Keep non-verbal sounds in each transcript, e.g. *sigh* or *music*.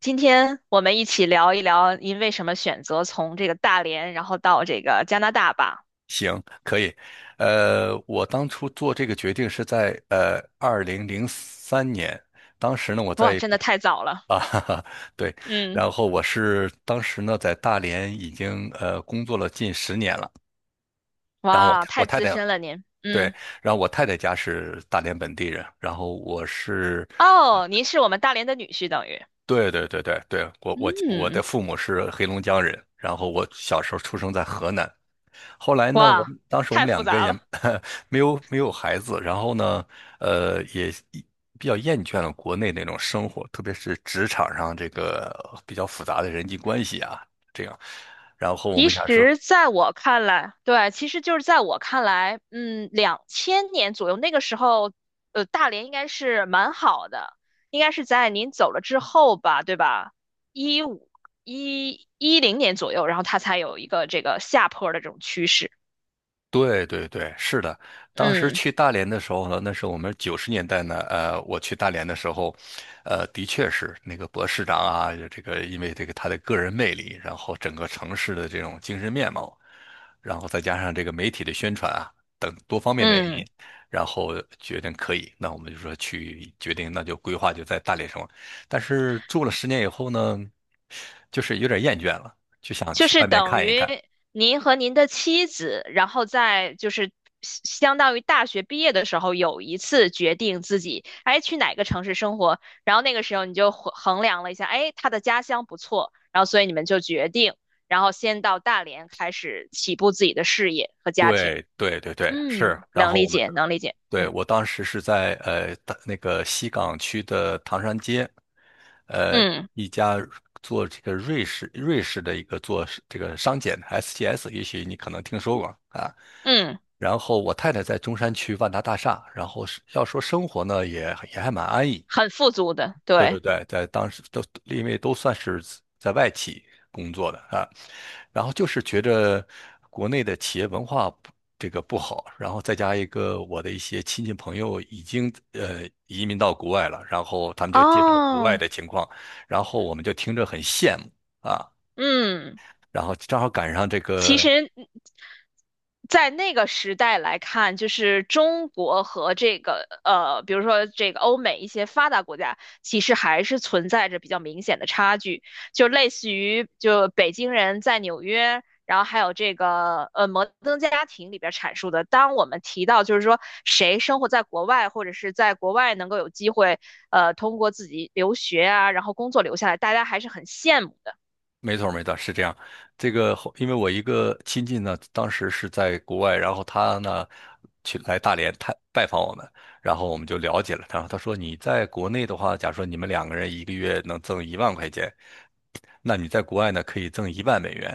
今天我们一起聊一聊您为什么选择从这个大连，然后到这个加拿大吧。行，可以。我当初做这个决定是在2003年，当时呢我哇，在真国的太早了。啊，*laughs* 哈哈，对。嗯。然后我是当时呢在大连已经工作了近十年了。然后我哇，太我太太资太深了您。对。嗯。然后我太太家是大连本地人，然后我是，哦，您是我们大连的女婿，等于。对对对对对，我的嗯。父母是黑龙江人，然后我小时候出生在河南。后来呢，我哇，们当时我太们复两个杂也 了。*laughs* 没有没有孩子。然后呢，也比较厌倦了国内那种生活，特别是职场上这个比较复杂的人际关系啊，这样。然后我其们想说，实，在我看来，对，其实就是在我看来，2000年左右那个时候，大连应该是蛮好的。应该是在您走了之后吧，对吧？一五一一零年左右，然后它才有一个这个下坡的这种趋势。对对对，是的。当时嗯去大连的时候呢，那是我们90年代呢，我去大连的时候，的确是那个博士长啊，这个因为这个他的个人魅力，然后整个城市的这种精神面貌，然后再加上这个媒体的宣传啊等多方面的原因，嗯。然后决定可以，那我们就说去决定，那就规划就在大连生活。但是住了十年以后呢，就是有点厌倦了，就想就去是外面等看一于看。您和您的妻子，然后在就是相当于大学毕业的时候，有一次决定自己哎去哪个城市生活，然后那个时候你就衡量了一下，哎，他的家乡不错，然后所以你们就决定，然后先到大连开始起步自己的事业和家庭。对对对对，是。嗯，然能后理我们解，能理解。对，嗯。我当时是在大那个西岗区的唐山街，呃嗯一家做这个瑞士的一个做是这个商检 SGS,也许你可能听说过啊。嗯。然后我太太在中山区万达大厦，然后是要说生活呢也还蛮安逸。很富足的，对对对。对，在当时都因为都算是在外企工作的啊，然后就是觉着国内的企业文化不这个不好，然后再加一个我的一些亲戚朋友已经移民到国外了，然后他们就介绍国外哦。的情况，然后我们就听着很羡慕啊，嗯。然后正好赶上这其个实，在那个时代来看，就是中国和这个比如说这个欧美一些发达国家，其实还是存在着比较明显的差距，就类似于就北京人在纽约。然后还有这个摩登家庭》里边阐述的，当我们提到就是说谁生活在国外，或者是在国外能够有机会，通过自己留学啊，然后工作留下来，大家还是很羡慕的。没错儿没错儿是这样。这个后因为我一个亲戚呢，当时是在国外，然后他呢去来大连探拜访我们，然后我们就了解了他。他说你在国内的话，假如说你们两个人一个月能挣1万块钱，那你在国外呢可以挣1万美元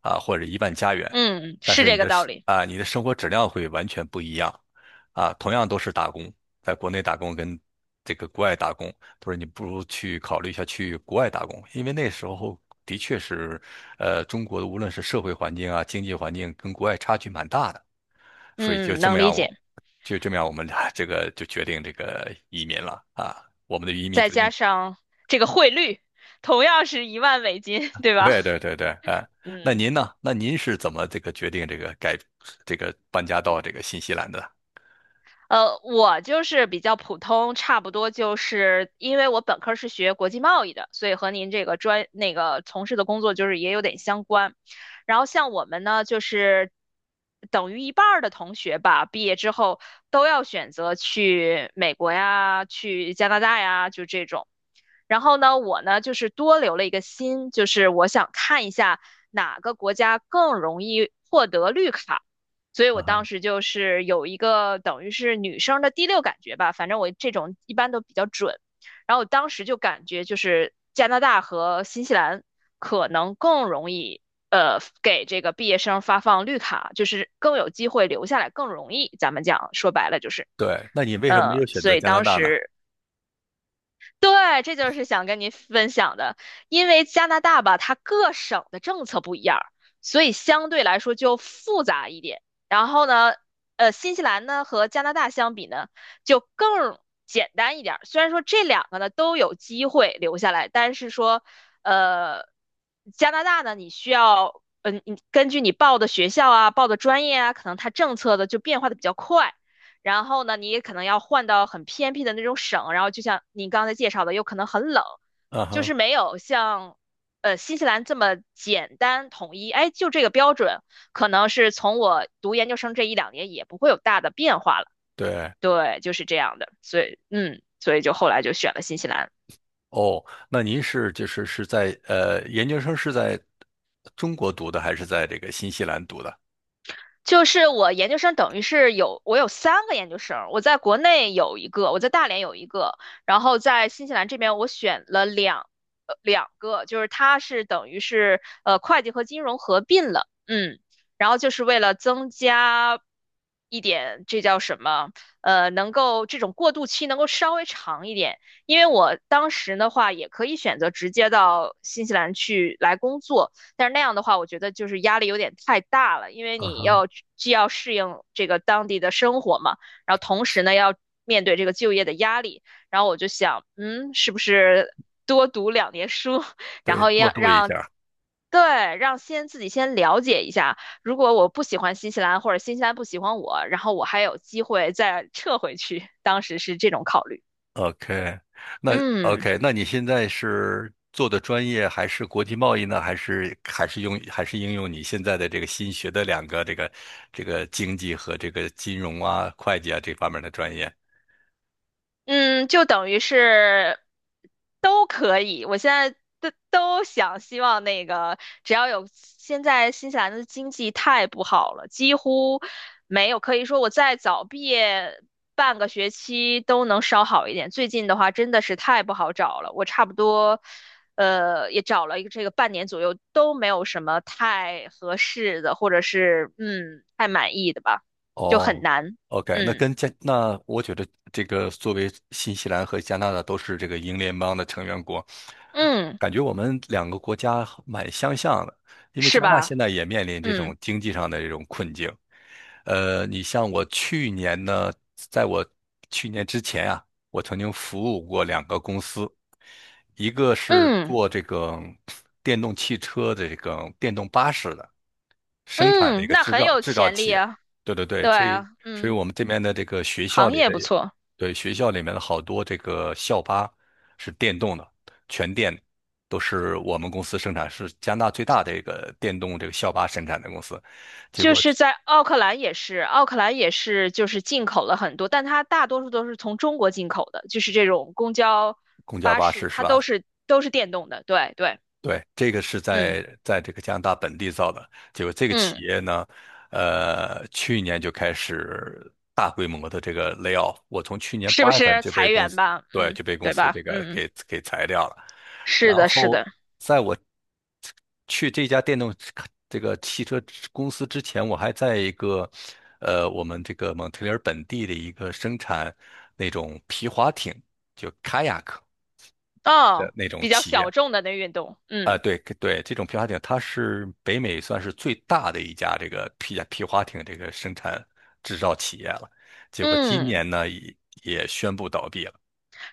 啊，或者1万加元，嗯，但是是这你个的道生理。啊你的生活质量会完全不一样啊。同样都是打工，在国内打工跟这个国外打工，他说你不如去考虑一下去国外打工，因为那时候的确是，中国的无论是社会环境啊、经济环境跟国外差距蛮大的。所以就嗯，这么能理样我，解。就这么样我们俩 *laughs* 这个就决定这个移民了啊，我们的移民再决定，加上这个汇率，同样是一万美金，对吧？对对对对，哎。那嗯。您呢？那您是怎么这个决定这个改这个搬家到这个新西兰的？我就是比较普通，差不多就是因为我本科是学国际贸易的，所以和您这个专那个从事的工作就是也有点相关。然后像我们呢，就是等于一半儿的同学吧，毕业之后都要选择去美国呀、去加拿大呀，就这种。然后呢，我呢就是多留了一个心，就是我想看一下哪个国家更容易获得绿卡。所以我嗯当哼，时就是有一个等于是女生的第六感觉吧，反正我这种一般都比较准。然后我当时就感觉就是加拿大和新西兰可能更容易给这个毕业生发放绿卡，就是更有机会留下来，更容易。咱们讲说白了就是，对。那你为什么没有选所择以加拿当大呢？时对，这就是想跟您分享的。因为加拿大吧，它各省的政策不一样儿，所以相对来说就复杂一点。然后呢，新西兰呢和加拿大相比呢，就更简单一点儿。虽然说这两个呢都有机会留下来，但是说，呃，加拿大呢，你需要，嗯、你根据你报的学校啊、报的专业啊，可能它政策的就变化的比较快。然后呢，你也可能要换到很偏僻的那种省，然后就像你刚才介绍的，有可能很冷，嗯就哼，是没有像新西兰这么简单统一。哎，就这个标准，可能是从我读研究生这一两年也不会有大的变化了。对。对，就是这样的，所以嗯，所以就后来就选了新西兰。哦，那您是就是是在研究生是在中国读的，还是在这个新西兰读的？就是我研究生等于是我有3个研究生，我在国内有一个，我在大连有一个，然后在新西兰这边我选了两个，就是它是等于是会计和金融合并了。嗯。然后就是为了增加一点这叫什么呃能够这种过渡期能够稍微长一点，因为我当时的话也可以选择直接到新西兰去来工作。但是那样的话，我觉得就是压力有点太大了，因为啊哈。既要适应这个当地的生活嘛，然后同时呢要面对这个就业的压力。然后我就想，嗯，是不是多读2年书，然对，后过要渡一让。下。对，让自己先了解一下。如果我不喜欢新西兰，或者新西兰不喜欢我，然后我还有机会再撤回去。当时是这种考虑。OK,嗯。那你现在是做的专业还是国际贸易呢？还是应用你现在的这个新学的两个这个经济和这个金融啊、会计啊这方面的专业？嗯，就等于是都可以。我现在都想希望那个，只要有现在新西兰的经济太不好了，几乎没有可以说我再早毕业半个学期都能稍好一点。最近的话真的是太不好找了，我差不多也找了一个这个半年左右都没有什么太合适的，或者是嗯太满意的吧，就很哦难。，OK。那嗯。跟加那我觉得这个作为新西兰和加拿大都是这个英联邦的成员国，嗯，感觉我们两个国家蛮相像的，因为是加拿大吧？现在也面临这嗯。种经济上的这种困境。你像我去年呢，在我去年之前啊，我曾经服务过两个公司，一个是嗯做这个电动汽车的这个电动巴士的，生产的一嗯。个那很有制造潜企力业。啊。对对对。对啊。所以嗯，我们这边的这个学校行里业的，不错，对学校里面的好多这个校巴是电动的，全电的都是我们公司生产，是加拿大最大的一个电动这个校巴生产的公司。结就果是在奥克兰也是，奥克兰也是就是进口了很多，但它大多数都是从中国进口的，就是这种公交、公交巴巴士，士是它都吧？是都是电动的。对对。对，这个是嗯。在这个加拿大本地造的，结果这个企嗯，业呢，去年就开始大规模的这个 lay off,我从去年是不8月份是就被裁公员司，吧？对，嗯，就被公对司吧？这个嗯，给裁掉了。是然的，是后的。在我去这家电动车这个汽车公司之前，我还在一个我们这个蒙特利尔本地的一个生产那种皮划艇，就 kayak的哦，那种比较企业。小众的那运动。啊，嗯。对对，这种皮划艇它是北美算是最大的一家这个皮划艇这个生产制造企业了，结果今嗯。年呢也宣布倒闭了。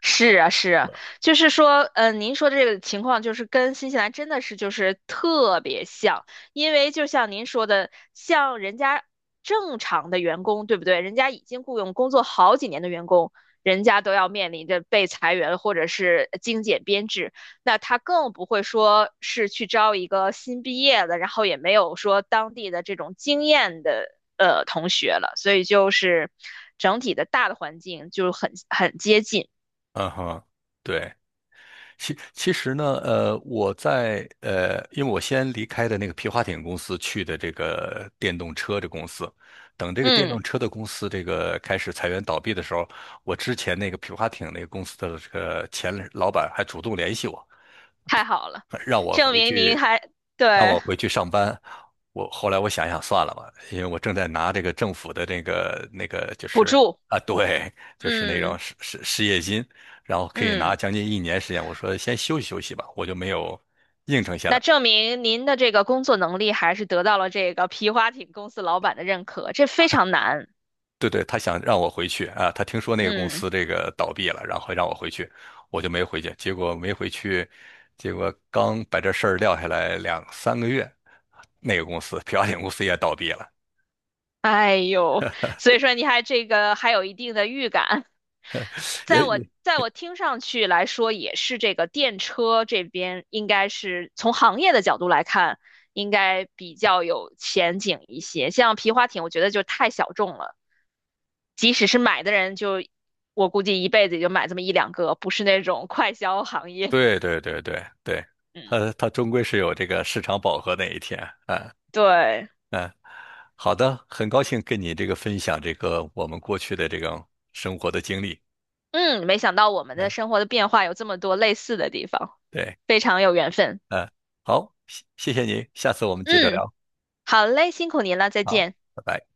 是啊，是对，啊，就是说，您说的这个情况就是跟新西兰真的是就是特别像。因为就像您说的，像人家正常的员工，对不对？人家已经雇佣工作好几年的员工，人家都要面临着被裁员或者是精简编制，那他更不会说是去招一个新毕业的，然后也没有说当地的这种经验的同学了，所以就是整体的大的环境就很接近。嗯哼，对。其实呢，我在因为我先离开的那个皮划艇公司去的这个电动车的公司，等这个电嗯，动车的公司这个开始裁员倒闭的时候，我之前那个皮划艇那个公司的这个前老板还主动联系我，太好了，让我证回明您去还，让对，我回去上班。我后来我想想算了吧，因为我正在拿这个政府的那个就补是助。啊，对，就是那种嗯。失业金，然后可以拿嗯。将近一年时间。我说先休息休息吧，我就没有应承下那来。证明您的这个工作能力还是得到了这个皮划艇公司老板的认可，这非常难。对对，他想让我回去啊，他听说那个公嗯。司这个倒闭了，然后让我回去，我就没回去。结果没回去，结果刚把这事儿撂下来两三个月，那个公司漂亮公司也倒闭了。*laughs* 哎呦，所以说你还这个还有一定的预感，在我也在我听上去来说，也是这个电车这边应该是从行业的角度来看，应该比较有前景一些。像皮划艇，我觉得就太小众了，即使是买的人就，我估计一辈子也就买这么一两个，不是那种快消行业。对对对对对，嗯，它终归是有这个市场饱和那一天。嗯对。嗯，好的，很高兴跟你这个分享这个我们过去的这种生活的经历。嗯，没想到我们的嗯，生活的变化有这么多类似的地方，对，非常有缘分。嗯，好，谢谢您，下次我们接着嗯。聊，好嘞，辛苦您了，再好，见。拜拜。